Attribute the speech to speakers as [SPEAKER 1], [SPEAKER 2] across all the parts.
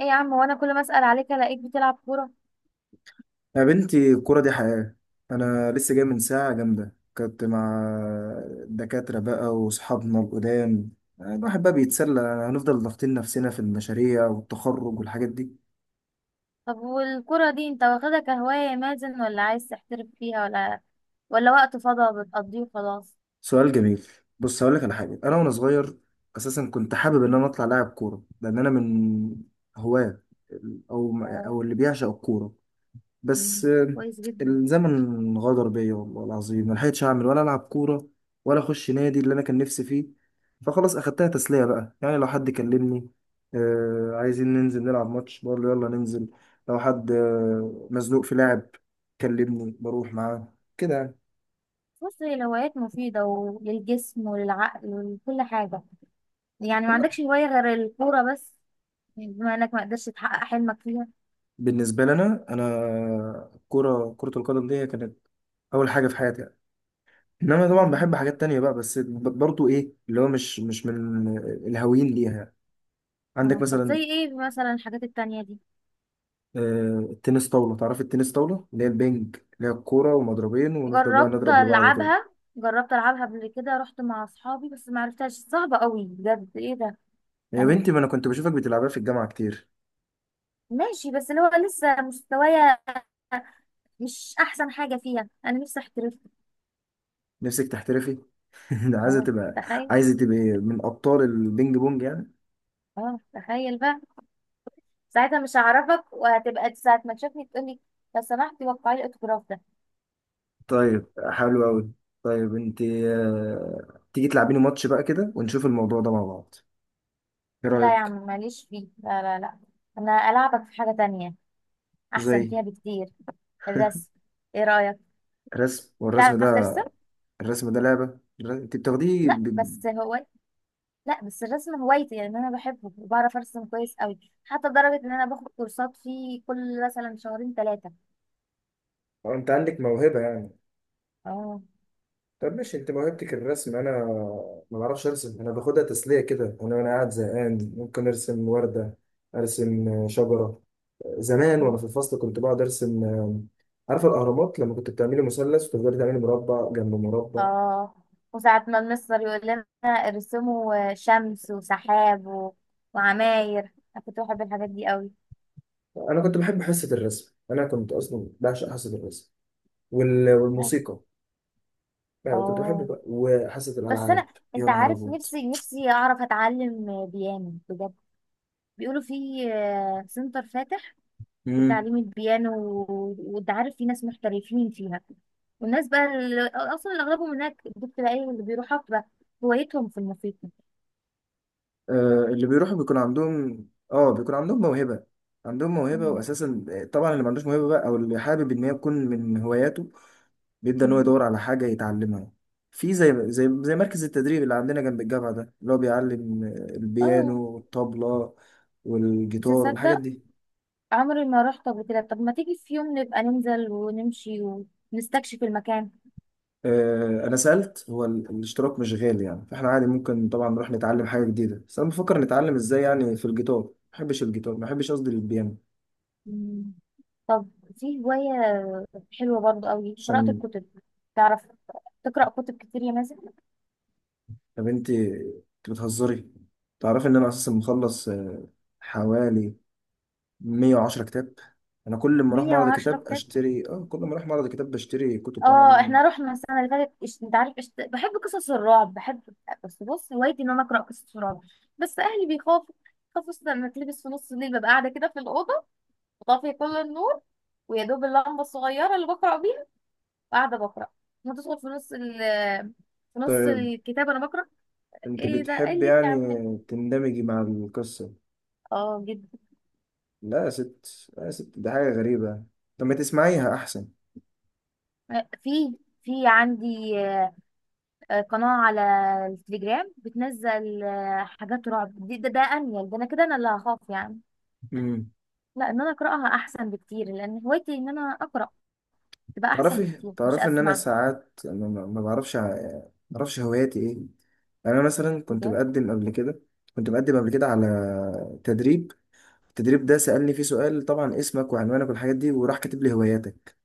[SPEAKER 1] ايه يا عم، وانا كل ما اسال عليك الاقيك بتلعب كوره؟
[SPEAKER 2] يا بنتي الكورة دي حياة. أنا لسه جاي من ساعة جامدة، كنت مع الدكاترة بقى وأصحابنا القدام. الواحد بقى بيتسلى، هنفضل ضاغطين نفسنا في المشاريع والتخرج والحاجات دي.
[SPEAKER 1] طب والكوره دي انت واخدها كهوايه يا مازن، ولا عايز تحترف فيها، ولا وقت فضا بتقضيه وخلاص؟
[SPEAKER 2] سؤال جميل. بص هقولك على حاجة، أنا وأنا صغير أساسا كنت حابب إن أنا أطلع لاعب كورة، لأن أنا من هواة ال- أو
[SPEAKER 1] اه.
[SPEAKER 2] أو اللي بيعشق الكورة. بس
[SPEAKER 1] مم. كويس جدا.
[SPEAKER 2] الزمن غدر بيا والله العظيم، ما لحقتش اعمل ولا العب كوره ولا اخش نادي اللي انا كان نفسي فيه. فخلاص اخدتها تسليه بقى، يعني لو حد كلمني: آه عايزين ننزل نلعب ماتش، بقول له يلا ننزل. لو حد مزنوق في لعب كلمني بروح معاه كده يعني.
[SPEAKER 1] بص، هي الهوايات مفيده وللجسم وللعقل ولكل حاجه، يعني ما عندكش هوايه غير الكوره بس، بما انك ما قدرتش تحقق حلمك فيها؟
[SPEAKER 2] بالنسبه لنا انا كره القدم دي هي كانت اول حاجه في حياتي يعني. انما طبعا بحب
[SPEAKER 1] مم.
[SPEAKER 2] حاجات تانية بقى، بس برضو ايه اللي هو مش من الهاويين ليها يعني. عندك
[SPEAKER 1] اه، طب زي
[SPEAKER 2] مثلا
[SPEAKER 1] ايه مثلا الحاجات التانية دي؟
[SPEAKER 2] التنس طاولة. تعرف التنس طاولة اللي هي البنج، اللي هي الكورة ومضربين ونفضل بقى
[SPEAKER 1] جربت
[SPEAKER 2] نضرب لبعض كده.
[SPEAKER 1] العبها جربت العبها قبل كده، رحت مع اصحابي بس ما عرفتهاش، صعبه قوي بجد، ايه ده؟
[SPEAKER 2] يا
[SPEAKER 1] يعني
[SPEAKER 2] بنتي ما أنا كنت بشوفك بتلعبها في الجامعة كتير.
[SPEAKER 1] ماشي، بس اللي هو لسه مستوايا مش احسن حاجه فيها، انا نفسي احترف.
[SPEAKER 2] نفسك تحترفي؟ ده عايزة
[SPEAKER 1] اه
[SPEAKER 2] تبقى
[SPEAKER 1] تخيل.
[SPEAKER 2] عايزة تبقى من أبطال البينج بونج يعني.
[SPEAKER 1] اه تخيل بقى، ساعتها مش هعرفك، وهتبقى ساعه ما تشوفني تقولي: لو سمحتي وقعي لي الاوتوجراف ده.
[SPEAKER 2] طيب، حلو أوي. طيب أنت تيجي تلعبيني ماتش بقى كده ونشوف الموضوع ده مع بعض، إيه
[SPEAKER 1] لا يا عم،
[SPEAKER 2] رأيك؟
[SPEAKER 1] ماليش فيه، لا لا لا. انا العبك في حاجه تانية
[SPEAKER 2] زي؟
[SPEAKER 1] احسن فيها بكتير. الرسم، ايه رايك؟
[SPEAKER 2] رسم، والرسم ده.
[SPEAKER 1] تعرف ترسم؟
[SPEAKER 2] الرسم ده لعبة أنت بتاخديه
[SPEAKER 1] لا بس هو لا بس الرسم هوايتي، يعني انا بحبه وبعرف ارسم كويس قوي، حتى لدرجه ان انا باخد كورسات فيه كل مثلا شهرين ثلاثه.
[SPEAKER 2] أنت عندك موهبة يعني.
[SPEAKER 1] اه.
[SPEAKER 2] طب ماشي، انت موهبتك الرسم، انا ما بعرفش ارسم. انا باخدها تسليه كده، انا وانا قاعد زهقان ممكن ارسم ورده، ارسم شجره. زمان وانا في الفصل كنت بقعد ارسم. عارفه الاهرامات، لما كنت بتعملي مثلث وتفضلي تعملي مربع جنب مربع.
[SPEAKER 1] اه، وساعة ما المستر يقول لنا: ارسموا شمس وسحاب وعماير، انا كنت بحب الحاجات دي قوي.
[SPEAKER 2] انا كنت بحب حصه الرسم، انا كنت اصلا بعشق حصه الرسم والموسيقى. يعني كنت
[SPEAKER 1] اه
[SPEAKER 2] بحب وحصه
[SPEAKER 1] بس
[SPEAKER 2] الالعاب.
[SPEAKER 1] انا،
[SPEAKER 2] يا
[SPEAKER 1] انت
[SPEAKER 2] نهار
[SPEAKER 1] عارف،
[SPEAKER 2] ابيض!
[SPEAKER 1] نفسي اعرف اتعلم بيانو بجد. بيقولوا في سنتر فاتح
[SPEAKER 2] مم.
[SPEAKER 1] لتعليم البيانو، وانت عارف في ناس محترفين فيها، والناس بقى اللي اغلبهم هناك دول بتبقى ايه، اللي بيروحوا بقى هوايتهم في الموسيقى.
[SPEAKER 2] اللي بيروحوا بيكون عندهم. اه بيكون عندهم موهبة. عندهم موهبة
[SPEAKER 1] مم.
[SPEAKER 2] واساسا، طبعا اللي ما عندوش موهبة بقى او اللي حابب ان هي تكون من هواياته بيبدأ ان هو
[SPEAKER 1] مم.
[SPEAKER 2] يدور على حاجة يتعلمها. في زي مركز التدريب اللي عندنا جنب الجامعة ده، اللي هو بيعلم
[SPEAKER 1] اه.
[SPEAKER 2] البيانو والطبلة
[SPEAKER 1] مش
[SPEAKER 2] والجيتار والحاجات
[SPEAKER 1] هتصدق،
[SPEAKER 2] دي.
[SPEAKER 1] عمري ما رحت قبل كده، طب ما تيجي في يوم نبقى ننزل ونمشي ونستكشف المكان.
[SPEAKER 2] انا سألت، هو الاشتراك مش غالي يعني، فاحنا عادي ممكن طبعا نروح نتعلم حاجة جديدة، بس انا بفكر نتعلم ازاي يعني. في الجيتار ما بحبش، الجيتار ما بحبش، قصدي البيانو.
[SPEAKER 1] مم. طب في هواية حلوة برضو قوي، قراءة
[SPEAKER 2] عشان
[SPEAKER 1] الكتب، تعرف تقرأ كتب كتير يا مازن؟
[SPEAKER 2] طب انت بتهزري؟ تعرفي ان انا اساسا مخلص حوالي 110 كتاب. انا كل ما اروح معرض
[SPEAKER 1] 110
[SPEAKER 2] الكتاب
[SPEAKER 1] كتاب؟
[SPEAKER 2] اشتري، كل ما اروح معرض الكتاب بشتري كتب. انا
[SPEAKER 1] اه، احنا رحنا السنة اللي فاتت، انت عارف، بحب قصص الرعب، بحب. بس بص، هوايتي ان انا اقرأ قصص الرعب، بس اهلي بيخافوا، خافوا أصلاً لما اتلبس في نص الليل، ببقى قاعدة كده في الأوضة وطافية كل النور، ويا دوب اللمبة الصغيرة اللي بقرأ، وقاعده بقرا، هتدخل في نص
[SPEAKER 2] طيب
[SPEAKER 1] الكتاب انا بقرا.
[SPEAKER 2] انت
[SPEAKER 1] ايه ده؟ ايه
[SPEAKER 2] بتحب
[SPEAKER 1] اللي انت عاملاه؟
[SPEAKER 2] يعني تندمجي مع القصة؟
[SPEAKER 1] اه جدا.
[SPEAKER 2] لا يا ست، لا يا ست، دي حاجة غريبة. طب ما تسمعيها احسن.
[SPEAKER 1] في في عندي قناه على التليجرام بتنزل حاجات رعب، ده انيل، ده انا كده، انا اللي هخاف يعني.
[SPEAKER 2] امم
[SPEAKER 1] لا، ان انا اقراها احسن بكتير، لان هوايتي ان انا اقرا تبقى احسن
[SPEAKER 2] تعرفي
[SPEAKER 1] بكتير، مش
[SPEAKER 2] تعرفي ان انا
[SPEAKER 1] اسمع.
[SPEAKER 2] ساعات انا ما بعرفش هواياتي ايه. يعني انا مثلا
[SPEAKER 1] بجد.
[SPEAKER 2] كنت بقدم قبل كده على تدريب. التدريب ده سألني فيه سؤال، طبعا اسمك وعنوانك والحاجات دي، وراح كاتب لي هواياتك.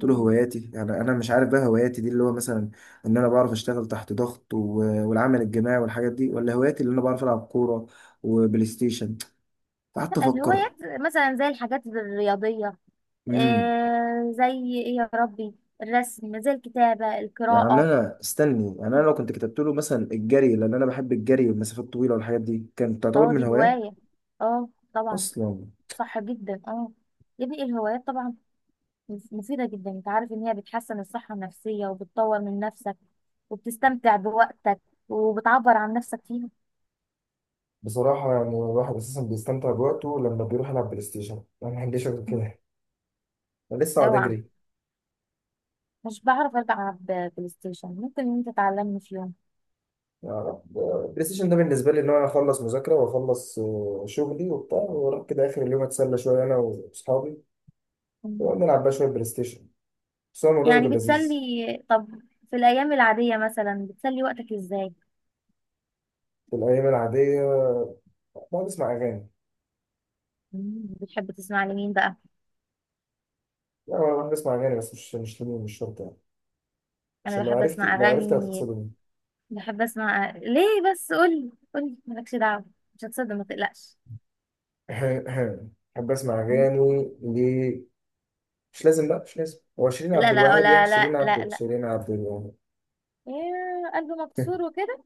[SPEAKER 2] قلت له هواياتي، يعني انا مش عارف بقى هواياتي دي اللي هو مثلا ان انا بعرف اشتغل تحت ضغط والعمل الجماعي والحاجات دي، ولا هواياتي اللي انا بعرف العب كورة وبلاي ستيشن. فقعدت
[SPEAKER 1] لا،
[SPEAKER 2] افكر.
[SPEAKER 1] الهوايات مثلا زي الحاجات الرياضيه،
[SPEAKER 2] امم
[SPEAKER 1] زي ايه؟ يا ربي، الرسم، زي الكتابه،
[SPEAKER 2] يعني
[SPEAKER 1] القراءه.
[SPEAKER 2] انا استني، يعني انا لو كنت كتبت له مثلا الجري، لان انا بحب الجري والمسافات الطويلة والحاجات دي، كانت تعتبر
[SPEAKER 1] اه
[SPEAKER 2] من
[SPEAKER 1] دي
[SPEAKER 2] هوايات
[SPEAKER 1] هواية. اه طبعا.
[SPEAKER 2] اصلا.
[SPEAKER 1] صح جدا اه. يا ابني الهوايات طبعا مفيدة جدا، انت عارف ان هي بتحسن الصحة النفسية وبتطور من نفسك وبتستمتع بوقتك وبتعبر عن نفسك فيها.
[SPEAKER 2] بصراحة يعني الواحد أساسا بيستمتع بوقته لما بيروح يلعب بلاي ستيشن. أنا ما عنديش غير كده، أنا لسه قاعد
[SPEAKER 1] اوعى!
[SPEAKER 2] أجري.
[SPEAKER 1] مش بعرف العب بلاي ستيشن، ممكن ان انت تعلمني في يوم.
[SPEAKER 2] يعني بلاي ستيشن ده بالنسبة لي إن أنا أخلص مذاكرة وأخلص شغلي وبتاع، وأروح كده آخر اليوم أتسلى شوية أنا وأصحابي،
[SPEAKER 1] مم.
[SPEAKER 2] ونلعب بقى شوية بلاي ستيشن. بس هو الموضوع
[SPEAKER 1] يعني
[SPEAKER 2] بيكون
[SPEAKER 1] بتسلي.
[SPEAKER 2] لذيذ.
[SPEAKER 1] طب في الايام العادية مثلا بتسلي وقتك ازاي؟
[SPEAKER 2] في الأيام العادية بقعد أسمع أغاني.
[SPEAKER 1] مم. بتحب تسمع لمين بقى؟
[SPEAKER 2] لا، أنا بقعد أسمع أغاني بس، مش مش لازم- مش شرط يعني.
[SPEAKER 1] انا
[SPEAKER 2] عشان لو
[SPEAKER 1] بحب
[SPEAKER 2] عرفتي
[SPEAKER 1] اسمع
[SPEAKER 2] لو عرفتي
[SPEAKER 1] اغاني،
[SPEAKER 2] هتتصدمي.
[SPEAKER 1] بحب اسمع ليه بس، قولي، قولي مالكش دعوة. مش هتصدق، ما تقلقش.
[SPEAKER 2] بحب أسمع أغاني ليه؟ مش لازم بقى، مش لازم هو شيرين عبد
[SPEAKER 1] لا لا
[SPEAKER 2] الوهاب، يعني
[SPEAKER 1] لا
[SPEAKER 2] شيرين
[SPEAKER 1] لا لا
[SPEAKER 2] عبد
[SPEAKER 1] لا،
[SPEAKER 2] شيرين عبد الوهاب
[SPEAKER 1] يا قلبي مكسور وكده.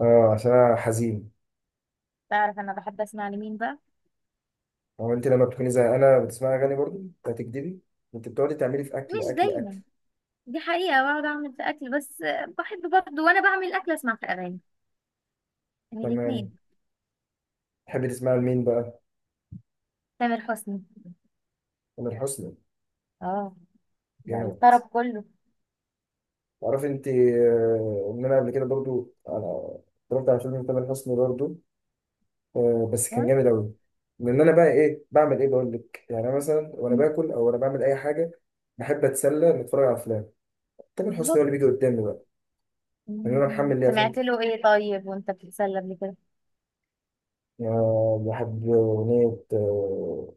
[SPEAKER 2] اه، عشان انا حزين.
[SPEAKER 1] تعرف انا بحب اسمع لمين بقى؟
[SPEAKER 2] هو انت لما بتكوني زي انا بتسمعي اغاني برضه، هتكدبي. انت بتقعدي تعملي في اكل
[SPEAKER 1] مش
[SPEAKER 2] اكل اكل.
[SPEAKER 1] دايما، دي حقيقة بقعد اعمل في اكل بس، بحب برضه وانا بعمل الاكل اسمع في اغاني، يعني الاتنين.
[SPEAKER 2] تمام، تحبي تسمعي لمين بقى؟
[SPEAKER 1] تامر حسني.
[SPEAKER 2] تامر حسني؟
[SPEAKER 1] اه، ده
[SPEAKER 2] جامد.
[SPEAKER 1] الطرب كله.
[SPEAKER 2] تعرفي انت ان انا قبل كده برضه، انا اتفرجت على فيلم تامر حسني برضه، بس كان جامد قوي. لان انا بقى ايه بعمل ايه بقول لك، يعني انا مثلا وانا
[SPEAKER 1] مم.
[SPEAKER 2] باكل او وانا بعمل اي حاجه، بحب اتسلى نتفرج على افلام. تامر حسني هو
[SPEAKER 1] بالظبط.
[SPEAKER 2] اللي بيجي قدامي بقى، ان انا
[SPEAKER 1] مم.
[SPEAKER 2] محمل ليه افلام
[SPEAKER 1] سمعت
[SPEAKER 2] كتير.
[SPEAKER 1] له ايه؟ طيب وانت بتتسلى قبل كده؟
[SPEAKER 2] يعني بحب اغنيه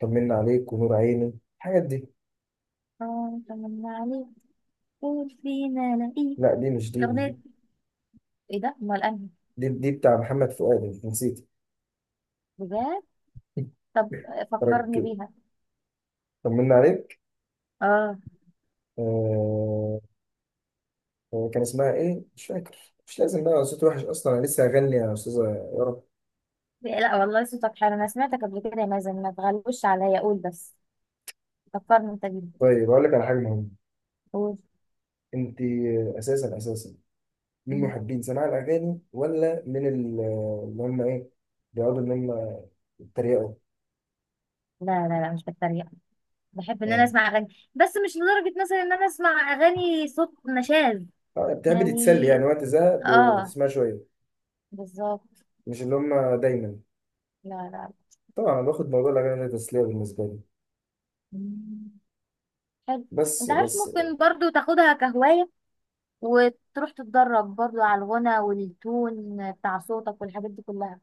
[SPEAKER 2] طمنا عليك ونور عيني الحاجات دي.
[SPEAKER 1] اه، طمنا عليك، قول فينا لقيك،
[SPEAKER 2] لا، دي مش دي
[SPEAKER 1] الاغنية
[SPEAKER 2] دي,
[SPEAKER 1] دي- ايه ده؟ امال انا؟
[SPEAKER 2] دي, دي بتاع محمد فؤاد، انت نسيت؟
[SPEAKER 1] بجد؟ طب فكرني
[SPEAKER 2] ركز.
[SPEAKER 1] بيها،
[SPEAKER 2] طمنا عليك
[SPEAKER 1] اه.
[SPEAKER 2] آه... كان اسمها ايه، مش فاكر. مش لازم بقى، صوت وحش اصلا انا لسه هغني يا استاذه، يا رب.
[SPEAKER 1] لا والله صوتك حلو، انا سمعتك قبل كده يا مازن، ما تغلوش عليا، قول بس فكرني انت بيها.
[SPEAKER 2] طيب اقول لك على حاجه مهمه.
[SPEAKER 1] قول.
[SPEAKER 2] انت اساسا من
[SPEAKER 1] مم.
[SPEAKER 2] محبين سماع الاغاني ولا من اللي هم ايه، بيقعدوا ان هم يتريقوا؟
[SPEAKER 1] لا لا لا، مش بتريق، بحب ان انا
[SPEAKER 2] اه.
[SPEAKER 1] اسمع اغاني، بس مش لدرجة مثلا ان انا اسمع اغاني صوت نشاز.
[SPEAKER 2] بتحبي
[SPEAKER 1] يعني
[SPEAKER 2] تتسلي يعني وقت زهق،
[SPEAKER 1] اه،
[SPEAKER 2] بتسمعي شويه،
[SPEAKER 1] بالظبط.
[SPEAKER 2] مش اللي هم دايما.
[SPEAKER 1] لا لا لا.
[SPEAKER 2] طبعا انا باخد موضوع الاغاني ده تسليه بالنسبه لي.
[SPEAKER 1] مم. حلو.
[SPEAKER 2] بس
[SPEAKER 1] انت عارف
[SPEAKER 2] بس
[SPEAKER 1] ممكن برضو تاخدها كهواية، وتروح تتدرب برضو على الغنى والتون بتاع صوتك والحاجات دي كلها.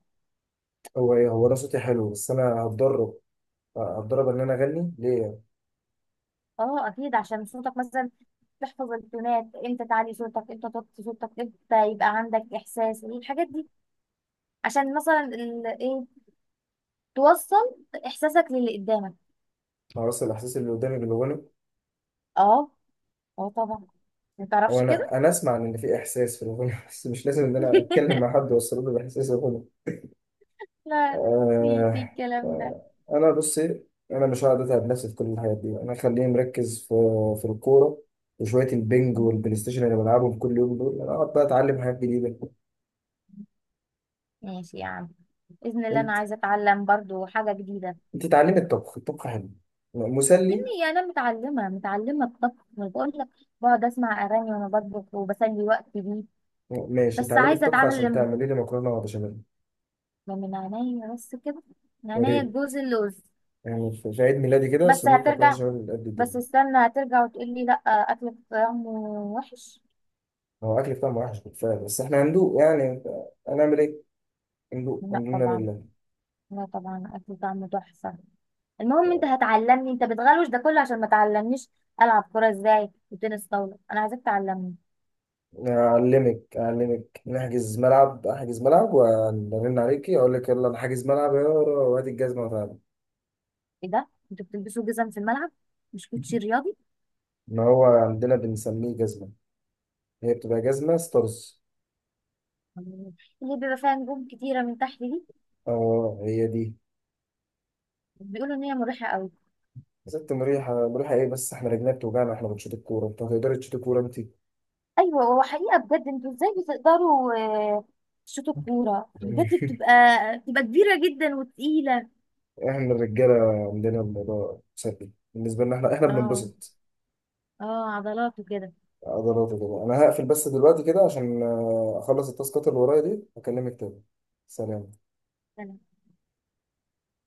[SPEAKER 2] هو ايه، هو رصتي حلو بس انا هتدرب ان انا اغني ليه؟
[SPEAKER 1] اه اكيد، عشان صوتك مثلا تحفظ التونات، امتى تعلي صوتك، امتى توطي صوتك، امتى يبقى عندك احساس الحاجات دي، عشان مثلا ال... ايه توصل احساسك للي قدامك.
[SPEAKER 2] مع راس الاحساس اللي قدامي بالاغنى.
[SPEAKER 1] اه. اه طبعا. ما
[SPEAKER 2] هو
[SPEAKER 1] تعرفش
[SPEAKER 2] انا
[SPEAKER 1] كده؟
[SPEAKER 2] انا اسمع ان في احساس في الاغنى بس مش لازم ان انا اتكلم مع حد واوصل له باحساس الاغنى.
[SPEAKER 1] لا لا، في
[SPEAKER 2] آه
[SPEAKER 1] الكلام ده.
[SPEAKER 2] انا بصي، انا مش هقعد اتعب نفسي في كل الحاجات دي، انا خليني مركز في الكوره وشويه البنج
[SPEAKER 1] مم.
[SPEAKER 2] والبلاي ستيشن اللي بلعبهم كل يوم دول، انا اقعد بقى اتعلم حاجات جديده.
[SPEAKER 1] ماشي يا عم، باذن الله انا
[SPEAKER 2] انت
[SPEAKER 1] عايزه اتعلم برضو حاجه جديده.
[SPEAKER 2] انت اتعلمي الطبخ، الطبخ حلو،
[SPEAKER 1] يا
[SPEAKER 2] مسلي.
[SPEAKER 1] ابني انا متعلمه، متعلمه الطبخ بقول لك، بقعد اسمع اغاني وانا بطبخ وبسلي وقتي بيه.
[SPEAKER 2] ماشي
[SPEAKER 1] بس
[SPEAKER 2] اتعلمي
[SPEAKER 1] عايزه
[SPEAKER 2] الطبخ
[SPEAKER 1] اتعامل
[SPEAKER 2] عشان تعملي لي مكرونه وبشاميل.
[SPEAKER 1] ده من عينيا، بس كده، من عينيا
[SPEAKER 2] وريني
[SPEAKER 1] الجوز اللوز.
[SPEAKER 2] يعني في عيد ميلادي كده
[SPEAKER 1] بس
[SPEAKER 2] صينية مكرونة
[SPEAKER 1] هترجع
[SPEAKER 2] بشاميل قد
[SPEAKER 1] بس
[SPEAKER 2] الدنيا.
[SPEAKER 1] استنى، هترجع وتقول لي: لا، اكلك طعمه وحش.
[SPEAKER 2] هو أكل بتاعهم وحش بالفعل، بس إحنا هندوق يعني، هنعمل إيه؟ هندوق
[SPEAKER 1] لا
[SPEAKER 2] الحمد لله
[SPEAKER 1] طبعا،
[SPEAKER 2] لله
[SPEAKER 1] لا طبعا، اكل طعمه تحفه. المهم انت هتعلمني، انت بتغلوش ده كله عشان ما تعلمنيش العب كوره ازاي وتنس طاوله، انا عايزاك تعلمني.
[SPEAKER 2] أعلمك نحجز ملعب، أحجز ملعب وأرن عليكي أقول لك يلا أنا حاجز ملعب يا ورا، وادي الجزمة وتعالى.
[SPEAKER 1] ايه ده؟ انتوا بتلبسوا جزم في الملعب؟ مش كوتشي رياضي؟
[SPEAKER 2] إن هو عندنا بنسميه جزمة، هي بتبقى جزمة ستارز.
[SPEAKER 1] اللي بيبقى فيها نجوم كتيره من تحت دي؟
[SPEAKER 2] أه هي دي.
[SPEAKER 1] بيقولوا ان هي مريحه قوي.
[SPEAKER 2] يا ست مريحة مريحة إيه، بس إحنا رجلنا بتوجعنا، إحنا بنشوط الكورة، أنت هتقدري تشوطي كورة أنت؟
[SPEAKER 1] ايوه، هو حقيقه بجد انتوا ازاي بتقدروا آه، تشوطوا الكوره؟ بجد بتبقى كبيره جدا وتقيله.
[SPEAKER 2] احنا الرجاله عندنا الموضوع سلبي بالنسبه لنا، احنا
[SPEAKER 1] اه.
[SPEAKER 2] بننبسط،
[SPEAKER 1] اه، عضلات وكده.
[SPEAKER 2] عضلات وكده. انا هقفل بس دلوقتي كده عشان اخلص التاسكات اللي ورايا دي، اكلمك تاني. سلام.